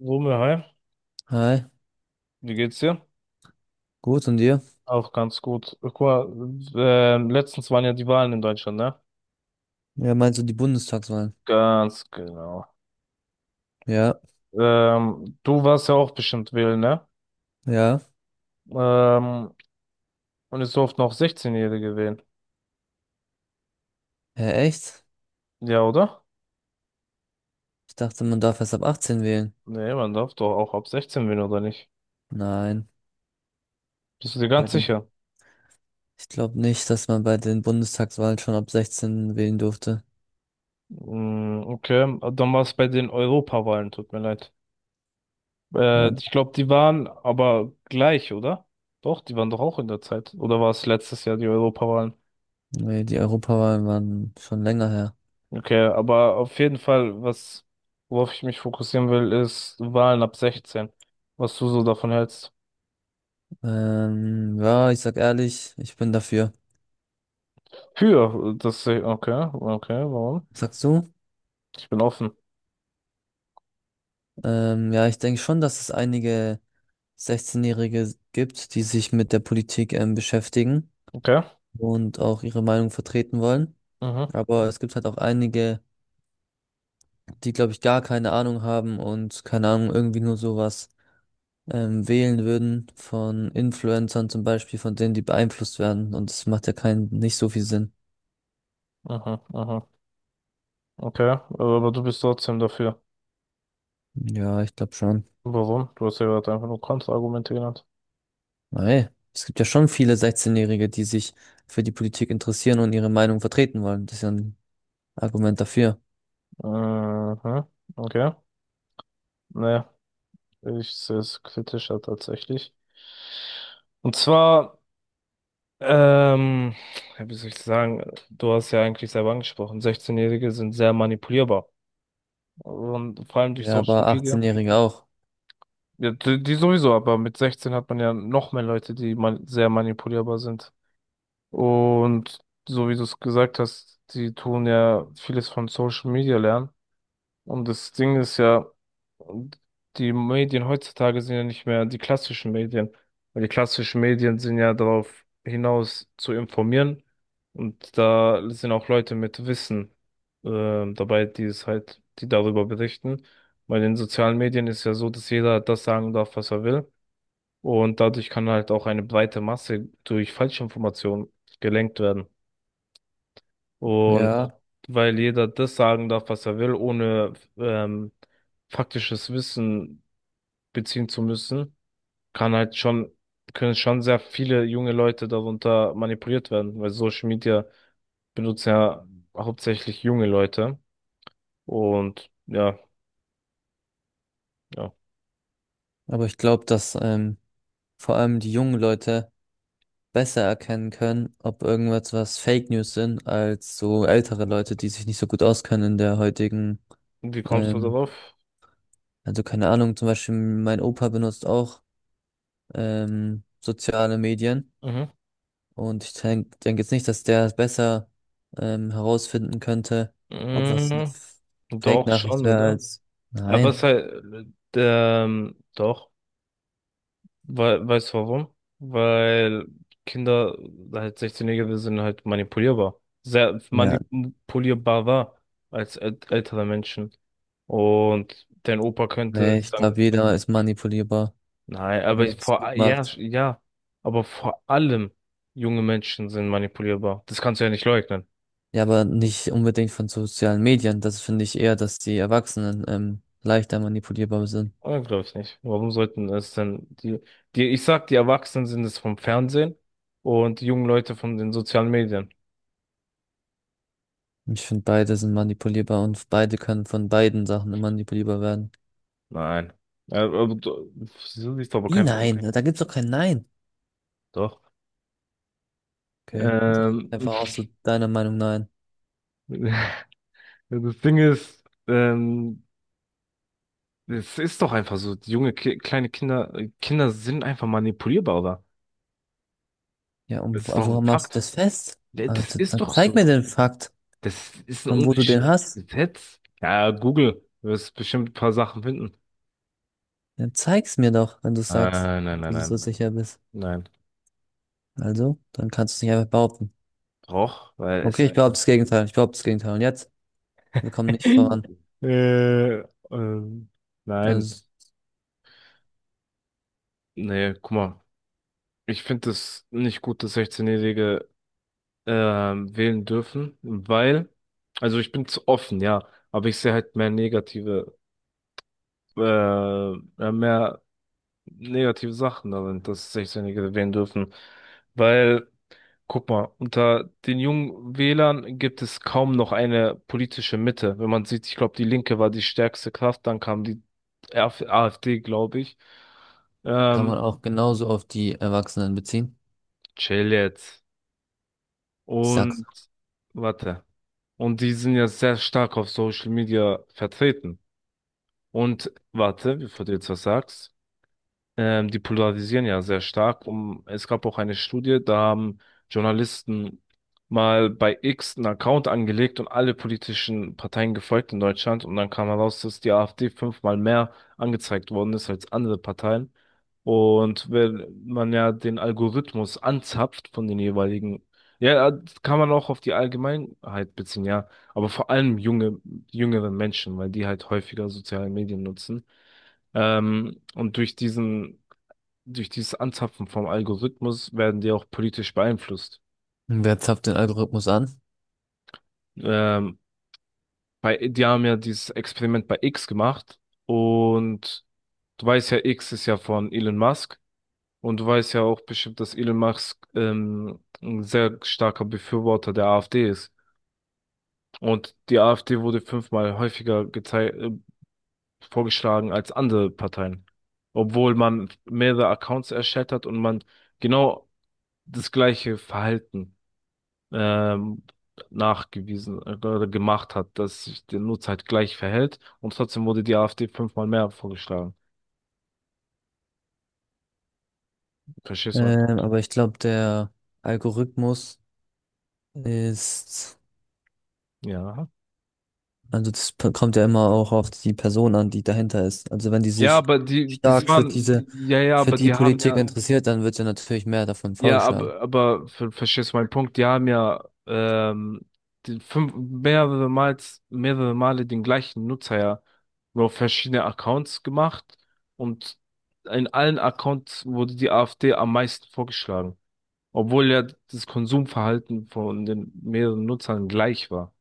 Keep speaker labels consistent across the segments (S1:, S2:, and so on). S1: Rumme, hi,
S2: Hi,
S1: wie geht's dir?
S2: gut und dir?
S1: Auch ganz gut. Guck mal, letztens waren ja die Wahlen in Deutschland, ne?
S2: Ja, meinst du die Bundestagswahlen?
S1: Ganz genau.
S2: Ja,
S1: Du warst ja auch bestimmt wählen, ne?
S2: ja.
S1: Ähm, und es durften auch 16-Jährige wählen.
S2: Hä, echt?
S1: Ja, oder?
S2: Ich dachte, man darf erst ab 18 wählen.
S1: Nee, man darf doch auch ab 16 wählen, oder nicht?
S2: Nein,
S1: Bist du dir
S2: bei
S1: ganz
S2: den,
S1: sicher?
S2: ich glaube nicht, dass man bei den Bundestagswahlen schon ab 16 wählen durfte.
S1: Hm, okay, dann war es bei den Europawahlen, tut mir leid.
S2: Ja,
S1: Ich glaube, die waren aber gleich, oder? Doch, die waren doch auch in der Zeit. Oder war es letztes Jahr die Europawahlen?
S2: nee, die Europawahlen waren schon länger her.
S1: Okay, aber auf jeden Fall, was, worauf ich mich fokussieren will, ist Wahlen ab 16. Was du so davon hältst.
S2: Ja, ich sag ehrlich, ich bin dafür.
S1: Für das, okay, okay, warum?
S2: Sagst du?
S1: Ich bin offen.
S2: Ja, ich denke schon, dass es einige 16-Jährige gibt, die sich mit der Politik beschäftigen
S1: Okay.
S2: und auch ihre Meinung vertreten wollen.
S1: Mhm,
S2: Aber es gibt halt auch einige, die, glaube ich, gar keine Ahnung haben und keine Ahnung, irgendwie nur sowas wählen würden von Influencern zum Beispiel, von denen, die beeinflusst werden. Und das macht ja keinen, nicht so viel Sinn.
S1: mhm, mhm, okay. Aber du bist trotzdem dafür.
S2: Ja, ich glaube schon.
S1: Warum? Du hast ja gerade einfach nur Kontraargumente genannt.
S2: Weil es gibt ja schon viele 16-Jährige, die sich für die Politik interessieren und ihre Meinung vertreten wollen. Das ist ja ein Argument dafür.
S1: Mhm, okay. Naja, ich sehe es kritischer tatsächlich. Und zwar. Ähm, ja, wie soll ich sagen, du hast ja eigentlich selber angesprochen, 16-Jährige sind sehr manipulierbar. Und vor allem durch
S2: Ja,
S1: Social
S2: aber
S1: Media.
S2: 18-Jährige auch.
S1: Ja, die sowieso, aber mit 16 hat man ja noch mehr Leute, die man sehr manipulierbar sind. Und so wie du es gesagt hast, die tun ja vieles von Social Media lernen. Und das Ding ist ja, die Medien heutzutage sind ja nicht mehr die klassischen Medien. Weil die klassischen Medien sind ja darauf hinaus zu informieren. Und da sind auch Leute mit Wissen dabei, die es halt, die darüber berichten. Bei den sozialen Medien ist ja so, dass jeder das sagen darf, was er will. Und dadurch kann halt auch eine breite Masse durch Falschinformationen gelenkt werden. Und
S2: Ja,
S1: weil jeder das sagen darf, was er will, ohne faktisches Wissen beziehen zu müssen, kann halt schon, können schon sehr viele junge Leute darunter manipuliert werden, weil Social Media benutzen ja hauptsächlich junge Leute. Und ja, ja.
S2: aber ich glaube, dass vor allem die jungen Leute besser erkennen können, ob irgendwas was Fake News sind, als so ältere Leute, die sich nicht so gut auskennen in der heutigen,
S1: Und wie kommst du
S2: ähm,
S1: darauf?
S2: also keine Ahnung, zum Beispiel mein Opa benutzt auch soziale Medien
S1: Mhm.
S2: und ich denke denk denk jetzt nicht, dass der besser herausfinden könnte, ob was eine
S1: Mhm. Doch,
S2: Fake-Nachricht
S1: schon,
S2: wäre
S1: oder?
S2: als
S1: Aber
S2: nein.
S1: was halt, doch. Weil, weißt du warum? Weil Kinder, halt 16-Jährige, sind halt manipulierbar. Sehr
S2: Ja,
S1: manipulierbar war als ältere Menschen. Und dein Opa könnte
S2: nee, ich
S1: sagen,
S2: glaube, jeder ist manipulierbar,
S1: nein, aber
S2: wenn er es gut
S1: ja,
S2: macht.
S1: ja, aber vor allem junge Menschen sind manipulierbar. Das kannst du ja nicht leugnen.
S2: Ja, aber nicht unbedingt von sozialen Medien. Das finde ich eher, dass die Erwachsenen leichter manipulierbar sind.
S1: Oder glaube ich nicht. Warum sollten es denn die, ich sag, die Erwachsenen sind es vom Fernsehen und die jungen Leute von den sozialen Medien.
S2: Ich finde, beide sind manipulierbar und beide können von beiden Sachen manipulierbar werden.
S1: Nein. Aber wieso ist aber
S2: Wie
S1: kein Punkt?
S2: nein? Okay. Da gibt's doch kein Nein.
S1: Doch.
S2: Okay, dann sag
S1: Ähm,
S2: einfach auch so deiner Meinung nein.
S1: das Ding ist, es ist doch einfach so, die junge, Ki kleine Kinder, Kinder sind einfach manipulierbar, oder?
S2: Ja,
S1: Das
S2: und
S1: ist doch ein
S2: woran machst du
S1: Fakt.
S2: das fest?
S1: Ja,
S2: Also,
S1: das ist
S2: dann
S1: doch
S2: zeig mir
S1: so.
S2: den Fakt,
S1: Das ist ein
S2: von wo du den
S1: ungeschriebenes
S2: hast.
S1: Gesetz. Ja, Google, du wirst bestimmt ein paar Sachen finden.
S2: Dann zeig's mir doch, wenn du sagst,
S1: Nein,
S2: wenn
S1: nein, nein,
S2: du dir so
S1: nein.
S2: sicher bist.
S1: Nein.
S2: Also, dann kannst du es nicht einfach behaupten.
S1: Doch, weil
S2: Okay, ich
S1: es.
S2: Ja. behaupte das Gegenteil. Ich behaupte das Gegenteil. Und jetzt? Wir kommen nicht voran.
S1: Äh, ähm, nein.
S2: Also
S1: Nee, guck mal. Ich finde es nicht gut, dass 16-Jährige wählen dürfen, weil, also ich bin zu offen, ja, aber ich sehe halt äh, mehr negative Sachen darin, dass 16-Jährige wählen dürfen. Weil, guck mal, unter den jungen Wählern gibt es kaum noch eine politische Mitte. Wenn man sieht, ich glaube, die Linke war die stärkste Kraft, dann kam die RF AfD, glaube ich.
S2: kann
S1: Ähm,
S2: man auch genauso auf die Erwachsenen beziehen.
S1: chill jetzt.
S2: Ich sag's.
S1: Und warte. Und die sind ja sehr stark auf Social Media vertreten. Und warte, bevor du jetzt was sagst, die polarisieren ja sehr stark. Es gab auch eine Studie, da haben Journalisten mal bei X einen Account angelegt und alle politischen Parteien gefolgt in Deutschland. Und dann kam heraus, dass die AfD fünfmal mehr angezeigt worden ist als andere Parteien. Und wenn man ja den Algorithmus anzapft von den jeweiligen, ja, das kann man auch auf die Allgemeinheit beziehen, ja, aber vor allem jüngere Menschen, weil die halt häufiger soziale Medien nutzen. Und durch dieses Anzapfen vom Algorithmus werden die auch politisch beeinflusst.
S2: Wer zapft den Algorithmus an?
S1: Ähm, die haben ja dieses Experiment bei X gemacht und du weißt ja, X ist ja von Elon Musk und du weißt ja auch bestimmt, dass Elon Musk ein sehr starker Befürworter der AfD ist. Und die AfD wurde fünfmal häufiger vorgeschlagen als andere Parteien, obwohl man mehrere Accounts erstellt hat und man genau das gleiche Verhalten ähm, nachgewiesen oder gemacht hat, dass sich der Nutzer halt gleich verhält und trotzdem wurde die AfD fünfmal mehr vorgeschlagen. Verstehst du meinen Punkt?
S2: Aber ich glaube, der Algorithmus ist,
S1: Ja.
S2: also das kommt ja immer auch auf die Person an, die dahinter ist. Also wenn die
S1: Ja,
S2: sich
S1: aber die, das
S2: stark für
S1: waren,
S2: diese,
S1: ja, ja,
S2: für
S1: aber
S2: die
S1: die haben
S2: Politik
S1: ja,
S2: interessiert, dann wird ja natürlich mehr davon
S1: ja,
S2: vorgeschlagen.
S1: aber verstehst du meinen Punkt? Die haben ja die fünf, mehrere Mal, mehrere Male den gleichen Nutzer ja nur auf verschiedene Accounts gemacht und in allen Accounts wurde die AfD am meisten vorgeschlagen. Obwohl ja das Konsumverhalten von den mehreren Nutzern gleich war.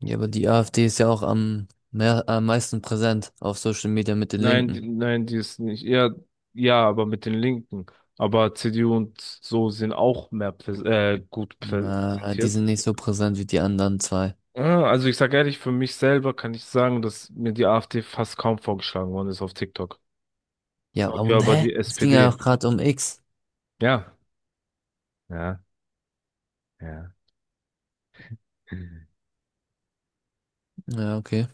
S2: Ja, aber die AfD ist ja auch am, mehr, am meisten präsent auf Social Media mit den
S1: Nein, die,
S2: Linken.
S1: nein, die ist nicht. Ja, ja, aber mit den Linken. Aber CDU und so sind auch mehr präs gut
S2: Na, die
S1: präsentiert.
S2: sind nicht so präsent wie die anderen zwei.
S1: Ja, also ich sage ehrlich, für mich selber kann ich sagen, dass mir die AfD fast kaum vorgeschlagen worden ist auf TikTok.
S2: Ja,
S1: Dafür
S2: und
S1: aber
S2: hä?
S1: die
S2: Es ging ja
S1: SPD.
S2: auch gerade um X.
S1: Ja, ja, ja.
S2: Ja, okay.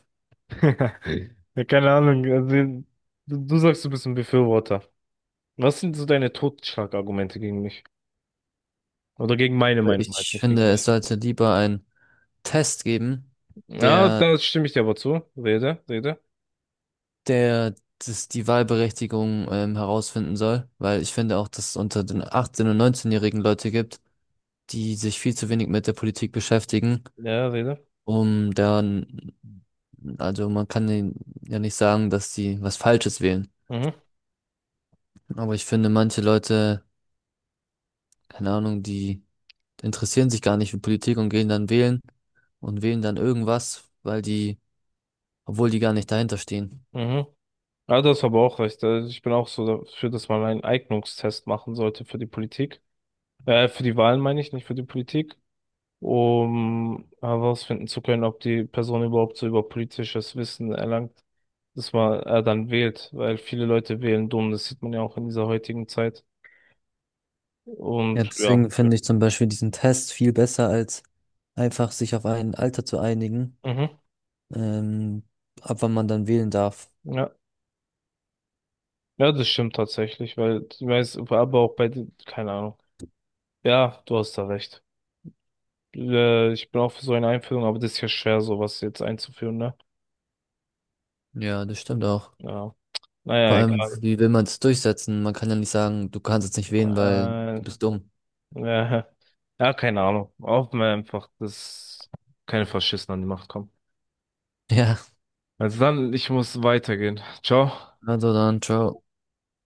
S1: Ja, keine Ahnung. Also, du sagst, du bist ein Befürworter. Was sind so deine Totschlagargumente gegen mich? Oder gegen meine Meinung halt,
S2: Ich
S1: nicht gegen
S2: finde, es
S1: mich.
S2: sollte lieber ein Test geben,
S1: Ja,
S2: der,
S1: da stimme ich dir aber zu. Rede, rede.
S2: der das, die Wahlberechtigung herausfinden soll, weil ich finde auch, dass es unter den 18- und 19-jährigen Leute gibt, die sich viel zu wenig mit der Politik beschäftigen,
S1: Ja, rede.
S2: um dann, also man kann ihnen ja nicht sagen, dass sie was Falsches wählen.
S1: Mhm,
S2: Aber ich finde, manche Leute, keine Ahnung, die interessieren sich gar nicht für Politik und gehen dann wählen und wählen dann irgendwas, weil die obwohl die gar nicht dahinter stehen.
S1: mhm. Ja, das aber auch recht. Also ich bin auch so dafür, dass man einen Eignungstest machen sollte für die Politik. Für die Wahlen meine ich, nicht für die Politik. Um herausfinden zu können, ob die Person überhaupt so über politisches Wissen erlangt, dass man er dann wählt. Weil viele Leute wählen dumm, das sieht man ja auch in dieser heutigen Zeit.
S2: Ja,
S1: Und ja.
S2: deswegen finde ich zum Beispiel diesen Test viel besser, als einfach sich auf ein Alter zu einigen,
S1: Mhm.
S2: ähm, ab wann man dann wählen darf.
S1: Ja. Ja, das stimmt tatsächlich, weil ich weiß, aber auch bei, keine Ahnung. Ja, du hast da recht. Ich bin auch für so eine Einführung, aber das ist ja schwer, sowas jetzt einzuführen, ne?
S2: Ja, das stimmt auch.
S1: Ja.
S2: Vor
S1: Naja,
S2: allem,
S1: egal.
S2: wie will man es durchsetzen? Man kann ja nicht sagen, du kannst jetzt nicht wählen, weil
S1: Äh, ja,
S2: du bist dumm.
S1: ja, keine Ahnung. Hoffen wir einfach, dass keine Faschisten an die Macht kommen.
S2: Ja,
S1: Also dann, ich muss weitergehen. Ciao.
S2: also dann, ciao.